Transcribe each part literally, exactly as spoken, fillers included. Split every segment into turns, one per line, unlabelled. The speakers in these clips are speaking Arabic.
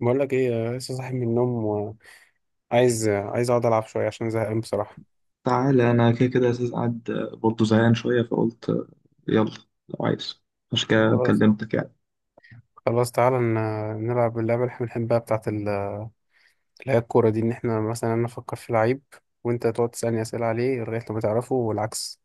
بقول لك ايه، آه، لسه صاحي من النوم. وعايز عايز اقعد العب شويه عشان زهقان بصراحه.
تعالى انا كده كده اساس قاعد. برضه زهقان شويه فقلت يلا لو عايز، عشان كده
خلاص
كلمتك يعني.
خلاص، تعالى ن- نلعب اللعبه اللي احنا بنحبها بتاعه ال- اللي هي الكوره دي. ان احنا مثلا انا افكر في لعيب، وانت تقعد تسالني اسئله عليه لغايه لما تعرفه والعكس.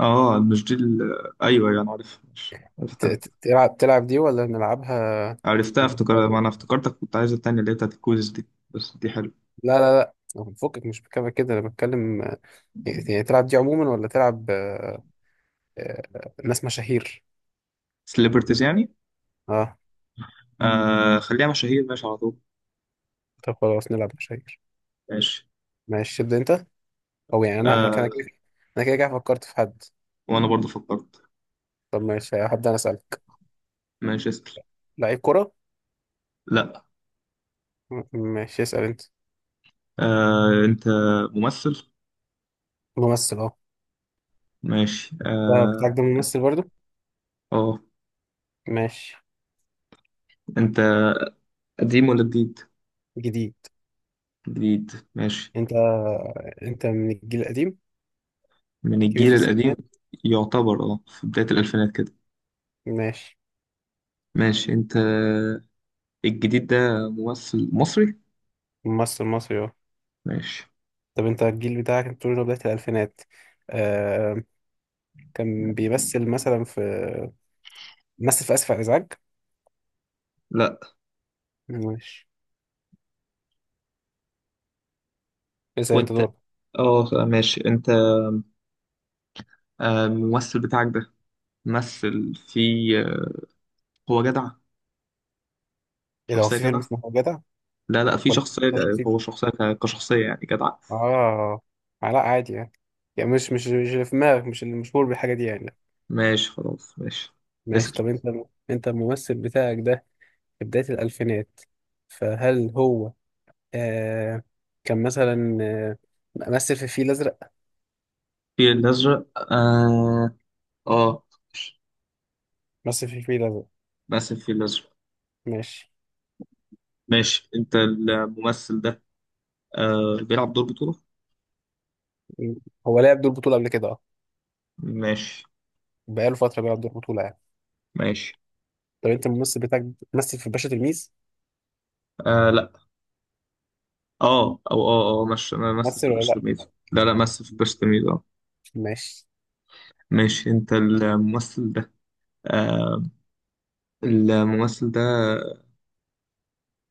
اه، مش دي ال- ايوه يعني عارف، مش
ت-
عرفتها.
ت- تلعب تلعب دي ولا نلعبها؟
عرفتها
ال-
افتكر، ما انا افتكرتك كنت عايز التانية اللي هي بتاعت الكويز دي، بس دي حلوه.
لا لا لا، فكك، مش بتكلم كده، انا بتكلم، آه، يعني تلعب دي عموما ولا تلعب؟ آه، آه، ناس مشاهير.
سليبرتيز يعني.
اه.
آه خليها مشاهير، ماشي على طول.
طب خلاص نلعب مشاهير.
ماشي.
ماشي، تبدا انت. هو يعني انا كان
آه
كده. انا كده كده فكرت في حد.
وانا برضه فكرت.
طب ماشي، هبدأ انا اسالك.
ماشي اسال.
لعيب كرة.
لا.
م- ماشي اسال انت.
آه انت ممثل.
ممثل اهو.
ماشي
ده
اه.
بتاعك ده ممثل
اسال.
برضو؟
اه.
ماشي.
انت قديم ولا جديد؟
جديد.
جديد ماشي.
انت انت من الجيل القديم.
من
كبير
الجيل
في السن
القديم.
يعني.
يعتبر اه، في بداية الألفينات كده.
ماشي.
ماشي أنت. الجديد ده ممثل مصري.
ممثل مصري اهو.
ماشي.
طب انت الجيل بتاعك انت بتقول إنه بداية الالفينات، آه... كان بيمثل مثلا في، مثل في اسف على الازعاج؟
لا.
ماشي. اسال انت
وأنت
دور.
اه ماشي. أنت آه، الممثل بتاعك ده مثل في آه، هو جدع،
ايه ده، هو
شخصية
في فيلم
جدع.
اسمه جدع
لا لا، في
ولا؟
شخصية. هو شخصية ك- كشخصية يعني جدع.
اه. آه، لا عادي يعني، يعني مش مش مش اللي في دماغك، مش اللي مشهور بالحاجة دي يعني.
ماشي خلاص ماشي.
ماشي.
اسأل.
طب انت انت الممثل بتاعك ده، في بداية الألفينات، فهل هو آه كان مثلا آه مثل في الفيل الأزرق؟
في الأزرق، اه. اه،
مثل في الفيل الأزرق.
مثل في الأزرق.
ماشي.
ماشي أنت الممثل ده آه بيلعب دور بطولة.
م- هو لعب دور بطولة قبل كده، اه.
ماشي.
بقاله فترة بيلعب دور بطولة يعني.
ماشي
طب انت الممثل بتاعك مثل في باشا تلميذ؟
آه. لا. اه او اه اه، مش ممثل في
مثل ولا
باشا
لا؟
تلميذ. لا لا، ممثل في باشا تلميذ اه.
ماشي.
ماشي. انت الممثل ده آه الممثل ده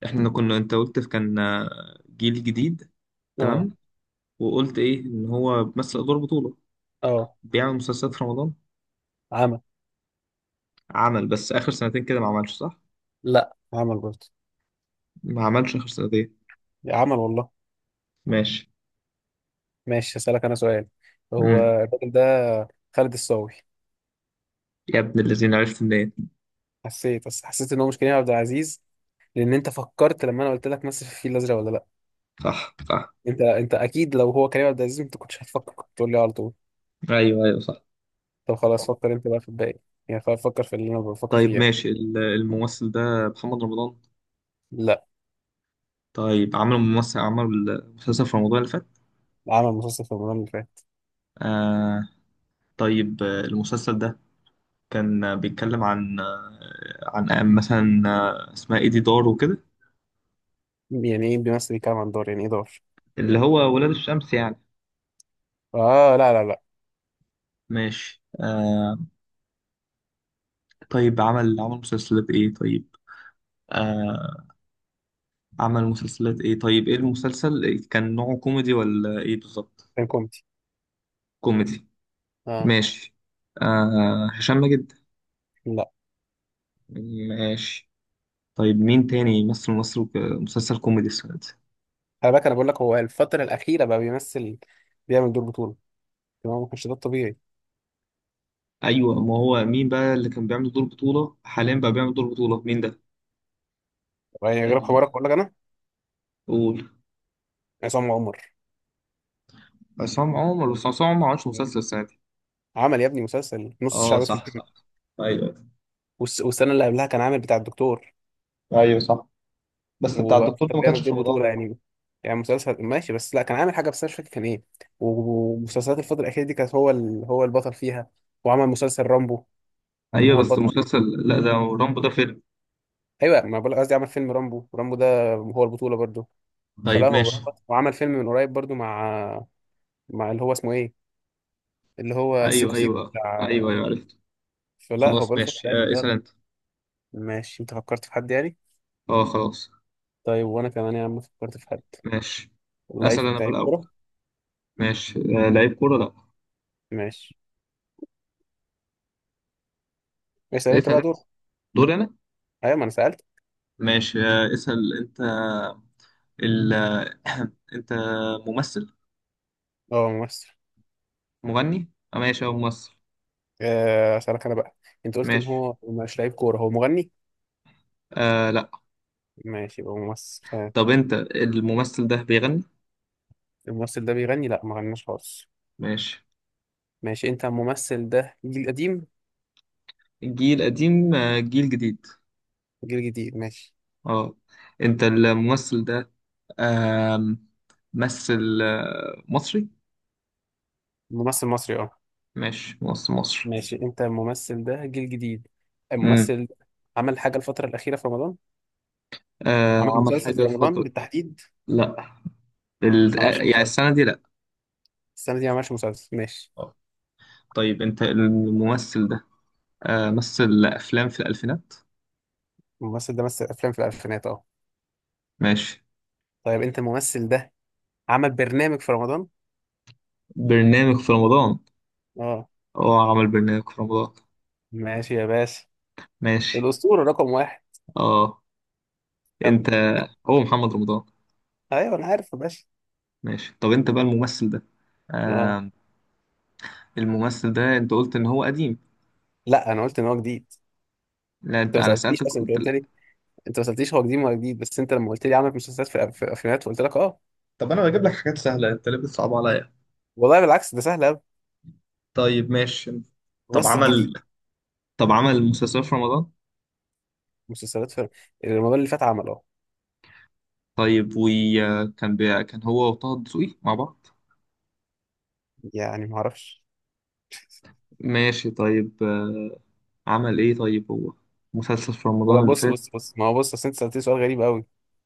احنا كنا، انت قلت كان آه، جيل جديد،
اه،
تمام. وقلت ايه، ان هو بيمثل ادوار بطولة،
اه،
بيعمل مسلسلات في رمضان.
عمل.
عمل، بس اخر سنتين كده ما عملش، صح.
لا عمل برضه.
ما عملش اخر سنتين.
عمل والله.
ماشي.
ماشي. هسألك أنا سؤال. هو
مم.
الراجل ده خالد الصاوي.
يا ابن الذين، عرفت منين؟
حسيت، بس حسيت إن هو مش كريم عبد العزيز، لأن أنت فكرت لما أنا قلت لك مثل في الفيل الأزرق ولا لأ.
صح صح.
أنت أنت أكيد لو هو كريم عبد العزيز أنت كنتش هتفكر، كنت تقول لي على طول.
ايوه ايوه صح.
طب خلاص، فكر أنت بقى في الباقي. يعني خلاص، فكر في اللي أنا بفكر
طيب
فيه يعني.
ماشي، ال- الممثل ده محمد رمضان.
لأ.
طيب، عملوا ممثل، عمل مسلسل في رمضان اللي فات.
عمل مسلسل في رمضان اللي فات.
آه. طيب آه، المسلسل ده كان آه، بيتكلم عن آه عن آه، مثلا آه، اسمها ايه دي، دار وكده.
يعني إيه بيمثل بيتكلم عن دار؟ يعني إيه دار؟
اللي هو ولاد الشمس يعني.
آه، لا، لا، لأ.
ماشي آه. طيب عمل عمل مسلسلات ايه طيب. آه، عمل مسلسلات ايه طيب، ايه المسلسل كان نوعه كوميدي ولا ايه بالظبط؟
كان كوميدي.
كوميدي.
آه.
ماشي. آه هشام ماجد.
لأ.
ماشي. طيب مين تاني يمثل مصر في مسلسل كوميدي السنة دي؟
خلي بالك، أنا بقول لك هو الفترة الأخيرة بقى بيمثل، بيعمل دور بطولة. تمام، ما كانش ده الطبيعي.
ايوه، ما هو مين بقى اللي كان بيعمل دور بطولة؟ حاليا بقى بيعمل دور بطولة مين ده؟
يعني غير
ال-
حوارك أقول لك أنا.
قول.
عصام عمر.
عصام عمر. بس عصام عمر ما عملش مسلسل السنة دي.
عمل يا ابني مسلسل نص
اه
الشعب اسمه
صح
محمد.
صح. ايوه
والس- والسنه اللي قبلها كان عامل بتاع الدكتور.
ايوه صح. بس بتاع
وبقاله
الدكتور
فتره
ده ما كانش
بيعمل
في
دور
رمضان.
بطوله يعني. يعني مسلسل ماشي، بس لا كان عامل حاجه بس أنا مش فاكر كان ايه. ومسلسلات الفتره الاخيره دي كانت هو ال... هو البطل فيها. وعمل مسلسل رامبو. كان
ايوه
هو
بس
البطل.
المسلسل. لا، ده رامبو ده فيلم.
ايوه، ما بقول قصدي عمل فيلم رامبو، ورامبو ده هو البطوله برضه. فلا،
طيب
هو
ماشي.
بطل. وعمل فيلم من قريب برضه مع مع اللي هو اسمه ايه، اللي هو
ايوه
سيكو سيكو
ايوه
بتاع.
ايوه ايوه عرفت.
فلا هو
خلاص
بقاله فتره
ماشي،
يعني
آه اسال
بطل.
انت.
ماشي. انت فكرت في حد يعني؟
اه خلاص.
طيب وانا كمان يا عم فكرت في حد.
ماشي.
لعيب،
اسال انا بقى
لعيب
الاول.
كورة.
ماشي آه لعيب كوره، لا.
ماشي. اسأل انت
اسال
بقى
انت.
دور.
دوري انا.
ايوه، ما انا سألت.
ماشي آه اسال انت. ال... انت ممثل.
اه، ممثل.
مغني؟ آه ماشي، هو ممثل.
آه، اسألك انا بقى. انت قلت ان
ماشي.
هو مش لعيب كورة، هو مغني؟
آه لا.
ماشي، يبقى ممثل. آه،
طب انت الممثل ده بيغني؟
الممثل ده بيغني؟ لا ما غناش خالص.
ماشي.
ماشي. انت الممثل ده جيل قديم؟
جيل قديم، آه جيل جديد.
جيل جديد. ماشي.
اه. انت الممثل ده آه مثل آه مصري.
ممثل مصري اه.
ماشي، ممثل مصري.
ماشي. انت الممثل ده جيل جديد.
امم.
الممثل ده عمل حاجة الفترة الأخيرة في رمضان؟ عمل
آه عمل
مسلسل
حاجة
في رمضان
الفترة.
بالتحديد.
لا. ال...
ما
آه،
عملش
يعني
مسلسل.
السنة دي لا.
السنة دي ما عملش مسلسل. ماشي.
آه. طيب انت الممثل ده آه مثل افلام في الالفينات.
الممثل ده مثل أفلام في الألفينات اه.
ماشي.
طيب، انت الممثل ده عمل برنامج في رمضان
برنامج في رمضان؟
اه.
اه، عمل برنامج في رمضان.
ماشي يا باشا.
ماشي
الأسطورة رقم واحد.
اه. انت،
كمل.
هو محمد رمضان.
ايوه انا عارف يا باشا.
ماشي. طب انت بقى الممثل ده.
اه،
آه. الممثل ده، انت قلت ان هو قديم.
لا انا قلت ان هو جديد.
لا
انت
انت،
ما
انا
سألتنيش
سألتك
اصلا، انت
قلت
قلت
لا.
لي. انت ما سألتنيش هو جديد ولا جديد، بس انت لما قلت لي عمل مسلسلات في في افلامات فقلت لك اه.
طب انا بجيب لك حاجات سهله، انت ليه بتصعب عليا؟
والله بالعكس، ده سهل قوي.
طيب ماشي. طب
ممثل جديد.
عمل طب عمل مسلسل في رمضان؟
مسلسلات في رمضان اللي فات عمل اه.
طيب وكان بي... كان هو وطه دسوقي مع بعض.
يعني ما اعرفش.
ماشي. طيب آه، عمل ايه طيب هو؟ مسلسل في
لا،
رمضان اللي
بص
فات؟
بص بص، ما هو بص اصل انت سألتني سؤال غريب قوي.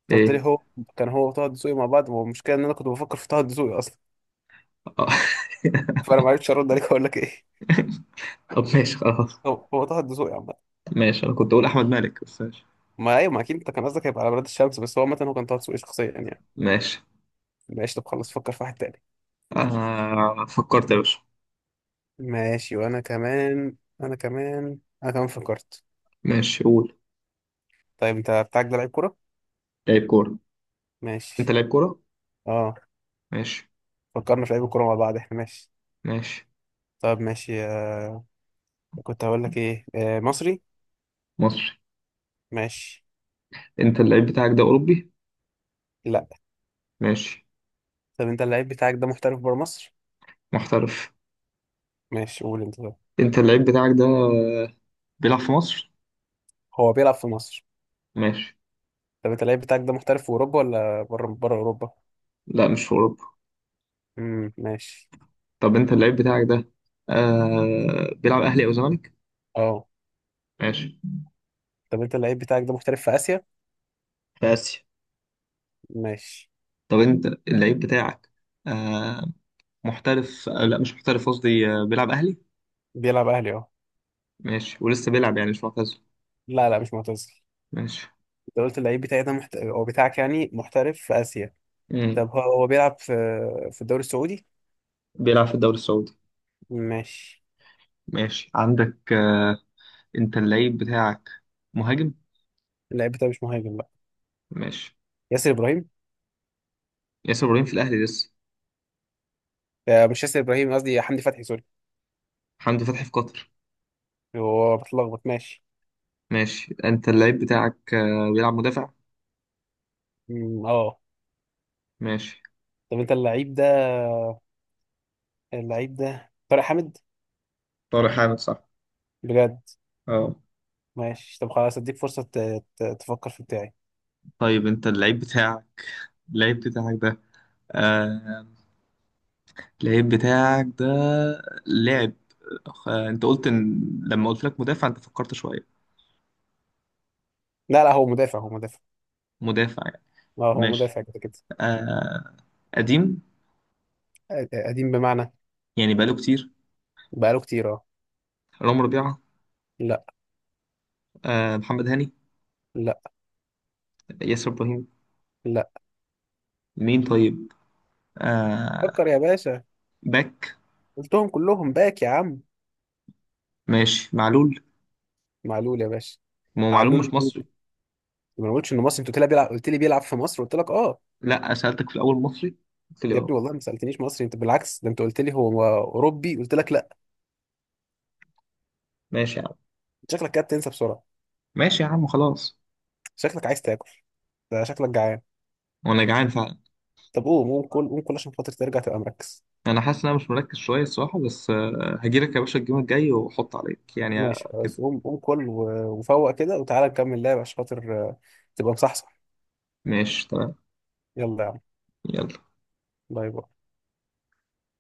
انت قلت
ايه.
لي هو كان هو وطه الدسوقي مع بعض، والمشكله ان انا كنت بفكر في طه الدسوقي اصلا.
آه.
فانا ما عرفتش ارد عليك اقول لك ايه.
طب ماشي خلاص.
هو هو طه الدسوقي عامة.
ماشي، انا كنت اقول احمد مالك بس ماشي.
ما ايوه، ما اكيد انت كان قصدك هيبقى على بلاد الشمس، بس هو عامة هو كان طه دسوقي شخصيا يعني.
ماشي
ماشي. طب خلص، فكر في واحد تاني.
آه فكرت يا باشا.
ماشي. وانا كمان انا كمان انا كمان فكرت.
ماشي قول.
طيب، انت بتاعك ده لعيب كورة؟
لعيب كورة. انت
ماشي
لعيب كورة؟
اه.
ماشي.
فكرنا في لعيب الكورة مع بعض احنا، ماشي.
ماشي.
طب ماشي. آه. كنت هقول لك ايه، آه. مصري.
مصري.
ماشي.
انت اللعيب بتاعك ده أوروبي؟
لا.
ماشي.
طب انت اللعيب بتاعك ده محترف بره مصر؟
محترف.
ماشي. قول انت ده.
انت اللعيب بتاعك ده بيلعب في مصر؟
هو بيلعب في مصر.
ماشي.
طب انت اللعيب بتاعك ده محترف في اوروبا ولا بره بره اوروبا؟
لا مش في أوروبا.
امم، ماشي.
طب انت اللعيب بتاعك ده آه بيلعب أهلي أو زمالك؟
اه.
ماشي.
طب انت اللعيب بتاعك ده محترف في اسيا؟
في آسيا.
ماشي.
طب انت اللعيب بتاعك آه محترف آه لا مش محترف، قصدي آه بيلعب أهلي.
بيلعب اهلي اه.
ماشي. ولسه بيلعب يعني مش معتزل.
لا لا، مش معتزل.
ماشي.
انت قلت اللعيب بتاعي ده محت... او بتاعك يعني محترف في اسيا.
مم.
طب هو هو بيلعب في في الدوري السعودي.
بيلعب في الدوري السعودي.
ماشي.
ماشي. عندك آه، انت اللعيب بتاعك مهاجم؟
اللعيب بتاعي مش مهاجم بقى.
ماشي.
ياسر ابراهيم.
ياسر ابراهيم في الاهلي لسه.
آه، مش ياسر ابراهيم، قصدي حمدي فتحي، سوري.
حمدي فتحي في قطر.
هو بتلخبط ماشي.
ماشي، انت اللعيب بتاعك آه، بيلعب مدافع.
أمم، اه.
ماشي.
طب انت اللعيب ده، اللعيب ده طارق حامد.
طارق حامد صح؟
بجد.
اه.
ماشي. طب خلاص، اديك فرصة ت... ت... تفكر في بتاعي.
طيب انت اللعيب بتاعك اللعيب بتاعك ده آه... اللعيب بتاعك ده لعب آه... انت قلت ان، لما قلت لك مدافع انت فكرت شوية.
لا لا، هو مدافع، هو مدافع.
مدافع يعني.
اه، هو
ماشي
مدافع كده كده.
آه... قديم،
قديم بمعنى؟
يعني بقاله كتير.
بقاله كتير اه.
رامي ربيعة.
لا،
آه... محمد هاني.
لا،
ياسر ابراهيم.
لا.
مين طيب؟ آه...
فكر يا باشا.
باك.
قلتهم كلهم باك يا عم.
ماشي، معلول.
معلول يا باشا.
ما هو معلول
علول
مش
الجول.
مصري.
ما قلتش انه مصري، انت قلت لي بيلعب، قلت لي بيلعب في مصر قلت لك اه.
لا سألتك في الأول مصري، في
يا
الأول.
ابني والله ما سالتنيش مصري، انت بالعكس ده انت قلت لي هو اوروبي قلت لك لا.
ماشي يا عم.
شكلك كده بتنسى بسرعه.
ماشي يا عم خلاص.
شكلك عايز تاكل. ده شكلك جعان.
وأنا جعان فعلا.
طب قوم قوم كل، قوم كل عشان خاطر ترجع تبقى مركز.
أنا حاسس إن أنا مش مركز شوية الصراحة، بس آه، هجيلك يا باشا الجيم الجاي وحط عليك يعني
ماشي
آه، كده.
خلاص، قوم قوم كل، و- وفوق كده، وتعالى نكمل لعب عشان خاطر آه، تبقى مصحصح.
ماشي تمام.
يلا يا عم.
يلا.
باي باي.